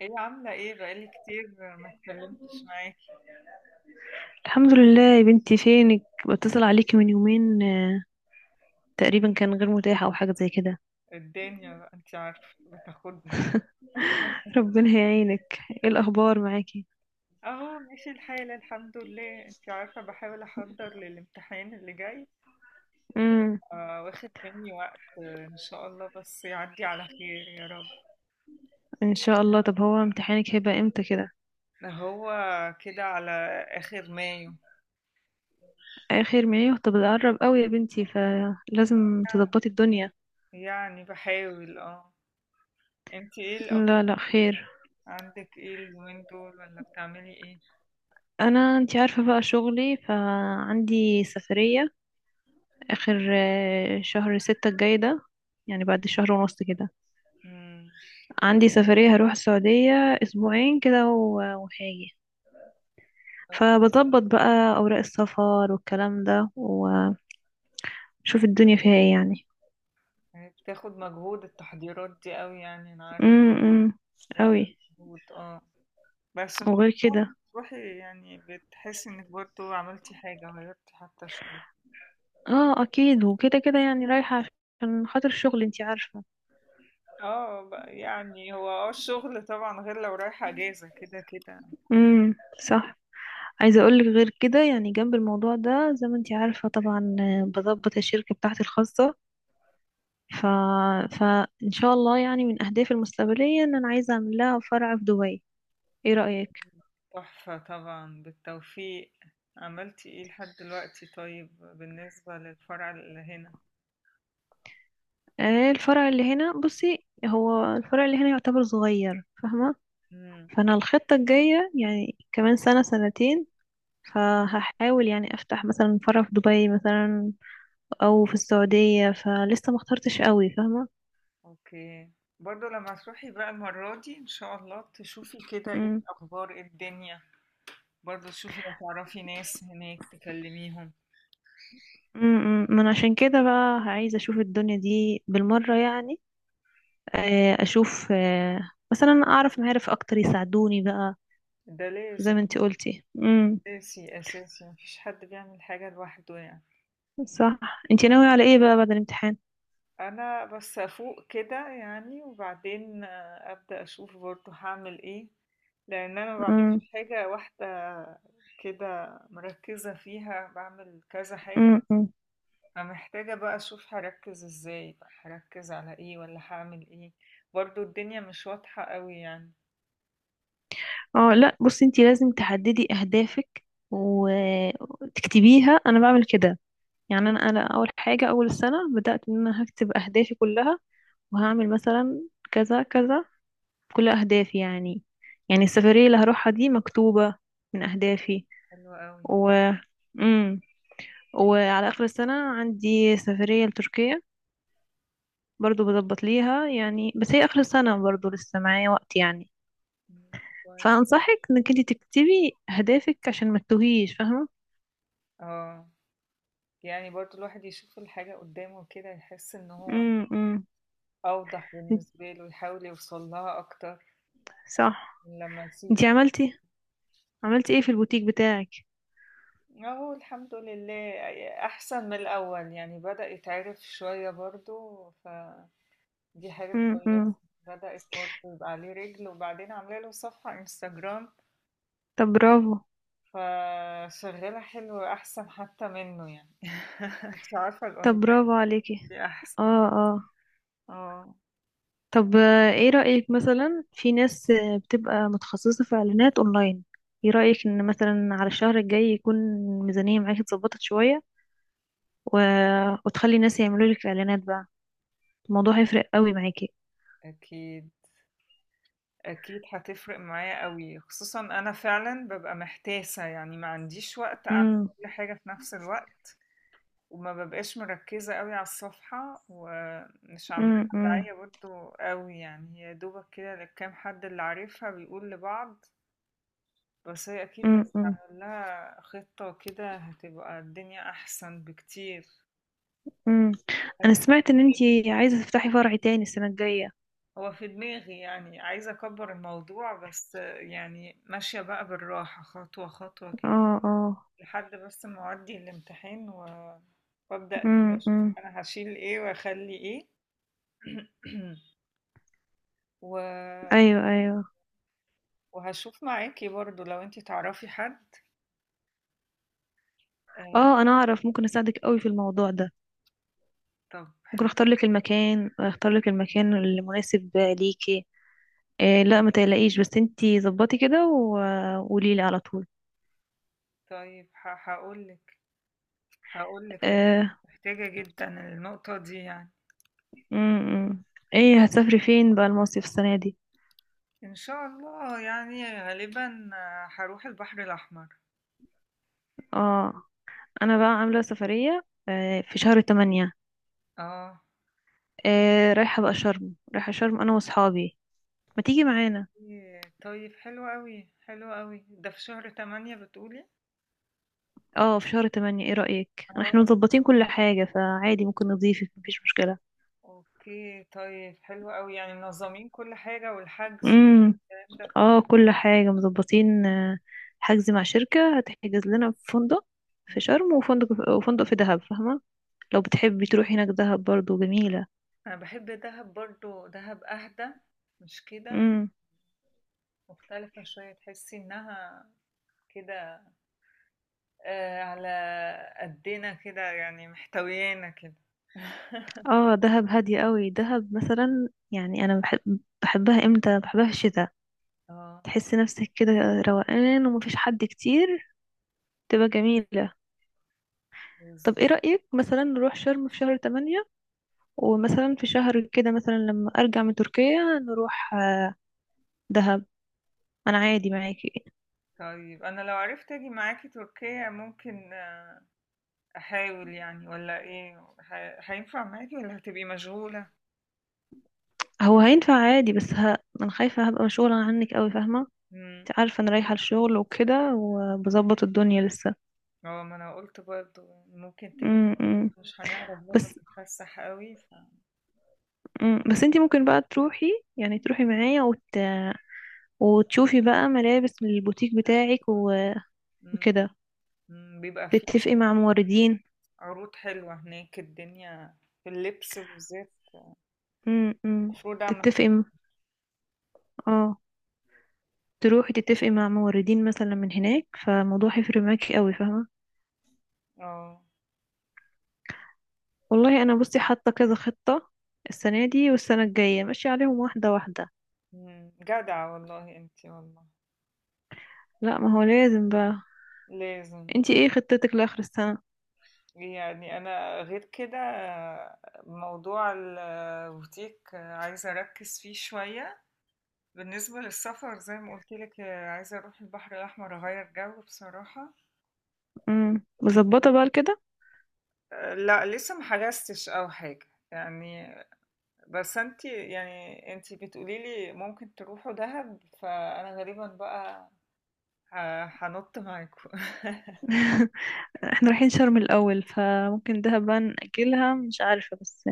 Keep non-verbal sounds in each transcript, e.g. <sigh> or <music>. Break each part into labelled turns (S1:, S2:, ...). S1: ايه عاملة ايه؟ بقالي كتير ما اتكلمتش معاكي.
S2: الحمد لله يا بنتي. فينك؟ بتصل عليكي من يومين تقريبا كان غير متاح او حاجه زي كده.
S1: الدنيا بقى انت عارفة بتاخدنا. <laughs>
S2: ربنا يعينك. ايه الاخبار معاكي؟
S1: اهو ماشي الحال الحمد لله، انت عارفة بحاول احضر للامتحان اللي جاي.
S2: امم
S1: آه، واخد مني وقت. ان شاء الله بس يعدي على خير يا رب.
S2: ان شاء الله. طب هو امتحانك هيبقى امتى كده؟
S1: ده هو كده على اخر مايو.
S2: اخر ما ايه؟ طب ده قرب قوي يا بنتي، فلازم تظبطي الدنيا.
S1: يعني بحاول انت ايه الاخبار؟
S2: لا لا، خير.
S1: عندك ايه اليومين دول؟ ولا بتعملي ايه؟
S2: انا انتي عارفه بقى شغلي، فعندي سفريه اخر شهر ستة الجاي ده، يعني بعد شهر ونص كده.
S1: امم،
S2: عندي سفريه هروح السعوديه اسبوعين كده وهاجي. فبظبط بقى أوراق السفر والكلام ده وشوف الدنيا فيها ايه يعني.
S1: بتاخد مجهود التحضيرات دي قوي، يعني انا
S2: امم.
S1: وقت،
S2: قوي.
S1: مجهود بس إن شاء
S2: وغير
S1: الله.
S2: كده،
S1: تروحي يعني بتحسي انك برضو عملتي حاجة، غيرتي حتى شوية.
S2: اه اكيد. وكده كده يعني رايحة عشان خاطر الشغل، انتي عارفة.
S1: اه بقى، يعني هو الشغل طبعا غير لو رايحة اجازة كده كده.
S2: امم. صح. عايزة اقولك غير كده، يعني جنب الموضوع ده، زي ما انتي عارفة طبعا، بظبط الشركة بتاعتي الخاصة. ف... فإن شاء الله يعني من أهدافي المستقبلية إن أنا عايزة أعمل لها فرع في دبي. إيه رأيك؟
S1: تحفة طبعا، بالتوفيق. عملتي ايه لحد دلوقتي؟ طيب بالنسبة للفرع اللي هنا؟
S2: آه، الفرع اللي هنا بصي، هو الفرع اللي هنا يعتبر صغير، فاهمة.
S1: امم،
S2: فانا الخطة الجاية يعني كمان سنة سنتين، فهحاول يعني افتح مثلا فرع في دبي مثلا او في السعودية، فلسه ما اخترتش قوي، فاهمة.
S1: اوكي. برضو لما تروحي بقى المرة دي ان شاء الله تشوفي كده ايه
S2: مم.
S1: الاخبار، ايه الدنيا. برضو تشوفي لو تعرفي ناس هناك تكلميهم.
S2: مم. من عشان كده بقى عايزة اشوف الدنيا دي بالمرة يعني. اشوف، مثلا اعرف معارف اكتر يساعدوني بقى،
S1: ده لازم.
S2: زي ما انتي قلتي. مم.
S1: أساسي، أساسي، ما فيش حد بيعمل حاجة لوحده يعني.
S2: صح. انتي ناوية على ايه بقى بعد الامتحان؟
S1: أنا بس أفوق كده يعني، وبعدين أبدأ أشوف برضه هاعمل إيه، لأن أنا ما باعملش
S2: مم.
S1: حاجة واحدة كده مركّزة فيها، باعمل كذا حاجة،
S2: مم.
S1: فمحتاجة بقى أشوف هاركّز إزاي بقى، هاركّز على إيه والّا هاعمل إيه. برضه الدنيا مش واضحة أوي يعني.
S2: اه لا، بصي انتي لازم تحددي اهدافك وتكتبيها. انا بعمل كده، يعني انا اول حاجه اول السنه بدات ان انا هكتب اهدافي كلها، وهعمل مثلا كذا كذا، كل اهدافي يعني. يعني السفريه اللي هروحها دي مكتوبه من اهدافي.
S1: حلو أوي.
S2: و امم وعلى اخر السنه عندي سفريه لتركيا، برضو بظبط ليها يعني، بس هي اخر السنه برضو لسه معايا وقت يعني.
S1: إمم، كويس.
S2: فانصحك انك انت تكتبي اهدافك عشان ما تتوهيش، فاهمه.
S1: آه، يعني برضه الواحد يشوف الحاجة قدّامه كده يحس إن هو
S2: امم.
S1: أوضح بالنسبة له، يحاول يوصل لها أكتر
S2: صح.
S1: من لمّا يسيبنا.
S2: انتي عملتي ايه في البوتيك بتاعك؟
S1: أهو الحمد لله، يعني أحسن من الأول، يعني بدأ يتعرف شوية برضه، فدي حاجة كويسة.
S2: امم.
S1: بدأت برضه يبقى عليه رِجل، وبعدين عاملة له صفحة Instagram،
S2: طب برافو.
S1: فشغّالة حلو أحسن حتى منّه يعني. <laughs> أنتِ عارفة
S2: طب
S1: الأونلاين
S2: برافو عليكي.
S1: دي أحسن.
S2: اه اه.
S1: آه.
S2: طب ايه رأيك مثلا في ناس بتبقى متخصصة في اعلانات اونلاين؟ ايه رأيك ان مثلا على الشهر الجاي يكون الميزانية معاكي اتظبطت شوية، و... وتخلي الناس يعملوا لك اعلانات بقى؟ الموضوع هيفرق قوي معاكي.
S1: أكيد. أكيد هتفرق معايا أوي، خصوصًا أنا فعلًا بابقى محتاسة، يعني ما عنديش وقت أعمل
S2: امم.
S1: كل حاجة في نفس الوقت، وما بابقاش مركزة أوي على الصفحة، ومش عاملة لها
S2: امم.
S1: داعية برضه أوي يعني. هي يا دوبك كده للكام حد اللي عارفها بيقول لبعض، بس هي أكيد لو
S2: امم.
S1: عمل لها خطة كده هتبقى الدنيا أحسن بكتير.
S2: انا
S1: أيوه.
S2: سمعت ان انتي عايزة تفتحي فرع تاني السنة الجاية.
S1: هو في دماغي يعني، عايزة أكبّر الموضوع، بس يعني ماشية بقى بالراحة خطوة، خطوة كده.
S2: اه اه.
S1: لحد بس ما اودي الامتحان وابدا كده اشوف
S2: امم.
S1: انا هشيل ايه واخلي ايه. <clears throat> و...
S2: ايوه ايوه.
S1: وهشوف معاكي برضو لو انتي تعرفي حد. آه.
S2: اه، انا اعرف ممكن اساعدك قوي في الموضوع ده.
S1: طب
S2: ممكن
S1: حلو.
S2: اختار لك المكان المناسب ليكي. إيه لا ما تقلقيش، بس انتي ظبطي كده وقولي لي على طول.
S1: طيب ه... هقولك هقولك لأ،
S2: آه.
S1: محتاجة جدا النقطة دي يعني.
S2: امم. ايه هتسافري فين بقى المصيف السنه دي؟
S1: ان شاء الله، يعني غالبا هروح البحر الاحمر.
S2: اه، انا بقى عامله سفريه في شهر 8.
S1: اه.
S2: آه، رايحه شرم انا واصحابي. ما تيجي معانا؟
S1: إيه، طيب حلو قوي، حلو قوي. ده في شهر تمانية بتقولي؟
S2: اه، في شهر 8. ايه رايك؟ احنا
S1: آه.
S2: مظبطين كل حاجه فعادي، ممكن نضيفك، مفيش مشكله.
S1: اوكي، طيب حلو قوي، يعني منظمين كل حاجة والحجز والكلام ده كله.
S2: اه كل حاجة مظبطين، حجز مع شركة هتحجز لنا في فندق في
S1: مم.
S2: شرم وفندق في دهب، فاهمة. لو بتحبي تروحي هناك دهب برضو جميلة.
S1: انا بحب دهب برضو، دهب اهدى، مش كده؟
S2: امم.
S1: مختلفة شوية، تحسي انها كده، آه على قدنا كده يعني، محتويانا كده. <laughs>
S2: اه دهب هادية قوي. دهب مثلا يعني انا بحبها امتى؟ بحبها في الشتاء.
S1: اه،
S2: تحسي نفسك كده روقان ومفيش حد كتير، تبقى جميلة. طب
S1: بالظبط.
S2: ايه رأيك مثلا نروح شرم في شهر تمانية، ومثلا في شهر كده مثلا لما ارجع من تركيا نروح دهب. انا عادي معاكي.
S1: طيب انا لو عرفت اجي معاكي تركيا ممكن احاول يعني، ولا ايه؟ هينفع معاكي ولا هتبقي مشغولة؟
S2: هو هينفع عادي، بس انا خايفة هبقى مشغولة عنك قوي، فاهمة.
S1: مم.
S2: انت عارفة انا رايحة الشغل وكده وبظبط الدنيا لسه.
S1: اه، ما انا قلت برضو يعني ممكن تبقى
S2: امم امم.
S1: مش هنعرف
S2: بس،
S1: برضه نتفسح قوي ف...
S2: امم، بس انت ممكن بقى تروحي، يعني معايا وتشوفي بقى ملابس من البوتيك بتاعك،
S1: مم.
S2: وكده،
S1: مم. بيبقى فيه
S2: تتفقي مع موردين.
S1: عروض حلوة هناك الدنيا في اللبس بالذات،
S2: امم امم.
S1: المفروض اعمل.
S2: تتفقي م- اه، تروحي تتفقي مع موردين مثلا من هناك، فالموضوع هيفرق معاكي قوي، فاهمة.
S1: اه.
S2: والله انا بصي حاطة كذا خطة السنة دي والسنة الجاية، ماشية عليهم واحدة واحدة.
S1: مم. جدعة والله انتي، والله
S2: لا ما هو لازم بقى.
S1: لازم.
S2: انتي ايه خطتك لاخر السنه؟
S1: يعني انا غير كده، موضوع البوتيك عايزة اركز فيه شوية. بالنسبة للسفر زي ما قلت لك، عايزة اروح البحر الاحمر، اغير جو بصراحة.
S2: امم، مظبطه بقى كده.
S1: لا لسه ما حجزتش او حاجه يعني، بس انت يعني انت بتقولي لي ممكن تروحوا دهب، فانا غالبا بقى هنط معاكم. <laughs>
S2: <laughs> احنا رايحين شرم الاول فممكن دهب بقى ناجلها، مش عارفه، بس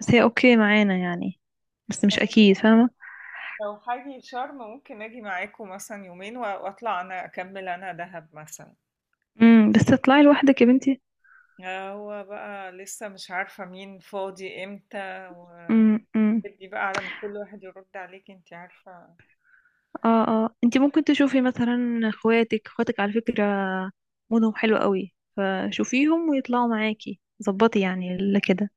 S2: بس هي اوكي معانا يعني، بس مش اكيد، فاهمه.
S1: لو حاجة شرم ممكن اجي معاكم مثلا يومين واطلع انا اكمل انا دهب مثلا.
S2: امم. بس تطلعي لوحدك يا بنتي.
S1: هو بقى لسه مش عارفة مين فاضي امتى
S2: امم.
S1: ودي بقى على ما كل واحد يرد عليك انت عارفة.
S2: اه اه. انتي ممكن تشوفي مثلا اخواتك على فكره، مودهم حلو قوي، فشوفيهم ويطلعوا معاكي، ظبطي يعني اللي كده.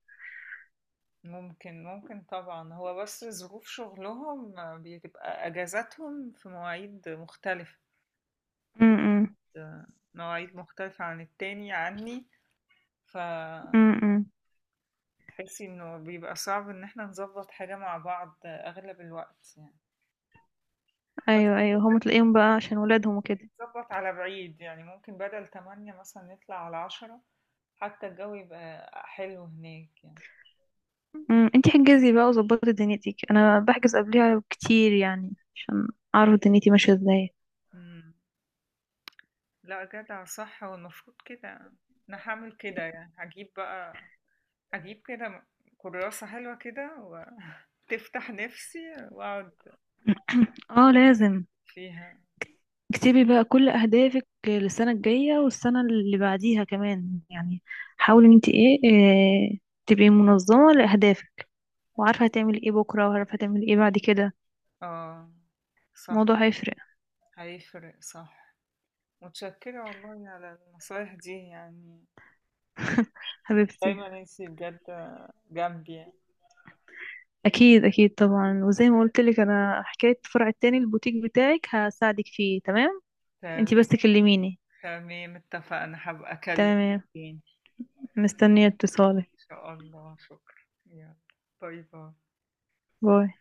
S1: ممكن، ممكن طبعًا، هو بس ظروف شغلهم بتبقى أجازاتهم في مواعيد مختلفة، كل
S2: امم
S1: مواعيد مختلفة عن التاني عني، فتحسي
S2: امم. امم.
S1: إنه بيبقى صعب إن إحنا نضبّط حاجة مع بعض أغلب الوقت يعني. بس
S2: ايوه ايوه. هم تلاقيهم بقى عشان ولادهم وكده.
S1: بنضبّط على بعيد، يعني ممكن بدل 08:00 مثلًا نطلع على 10:00 حتى الجو يبقى حلو هناك يعني.
S2: امم. انتي حجزي بقى وظبطي دنيتك. انا بحجز قبلها كتير يعني عشان اعرف دنيتي ماشيه ازاي.
S1: إمم، لأ جدع صح، هو المفروض كده. أنا هاعمل كده يعني، هاجيب بقى، اجيب كده كراسة حلوة كده وتفتح <laughs> نفسي واقعد
S2: <clears throat> اه لازم.
S1: فيها.
S2: اكتبي بقى كل اهدافك للسنه الجايه والسنه اللي بعديها كمان يعني. حاولي ان انتي إيه تبقي منظمه لاهدافك، وعارفه هتعملي ايه بكره وعارفه هتعملي ايه بعد كده.
S1: اه، صح.
S2: الموضوع هيفرق.
S1: هيفرق، صح. متشكرة والله على النصايح دي يعني،
S2: حبيبتي.
S1: دايما انتي بجد جنبي يعني.
S2: اكيد اكيد طبعا، وزي ما قلت لك انا حكايه الفرع التاني البوتيك بتاعك هساعدك فيه، تمام؟ انتي
S1: تمام.
S2: بس كلميني.
S1: تمام، اتفقنا، هبقى اكلمك
S2: تمام.
S1: تاني.
S2: مستنيه اتصالك.
S1: ان شاء الله، شكرا. يلا، باي باي.
S2: باي.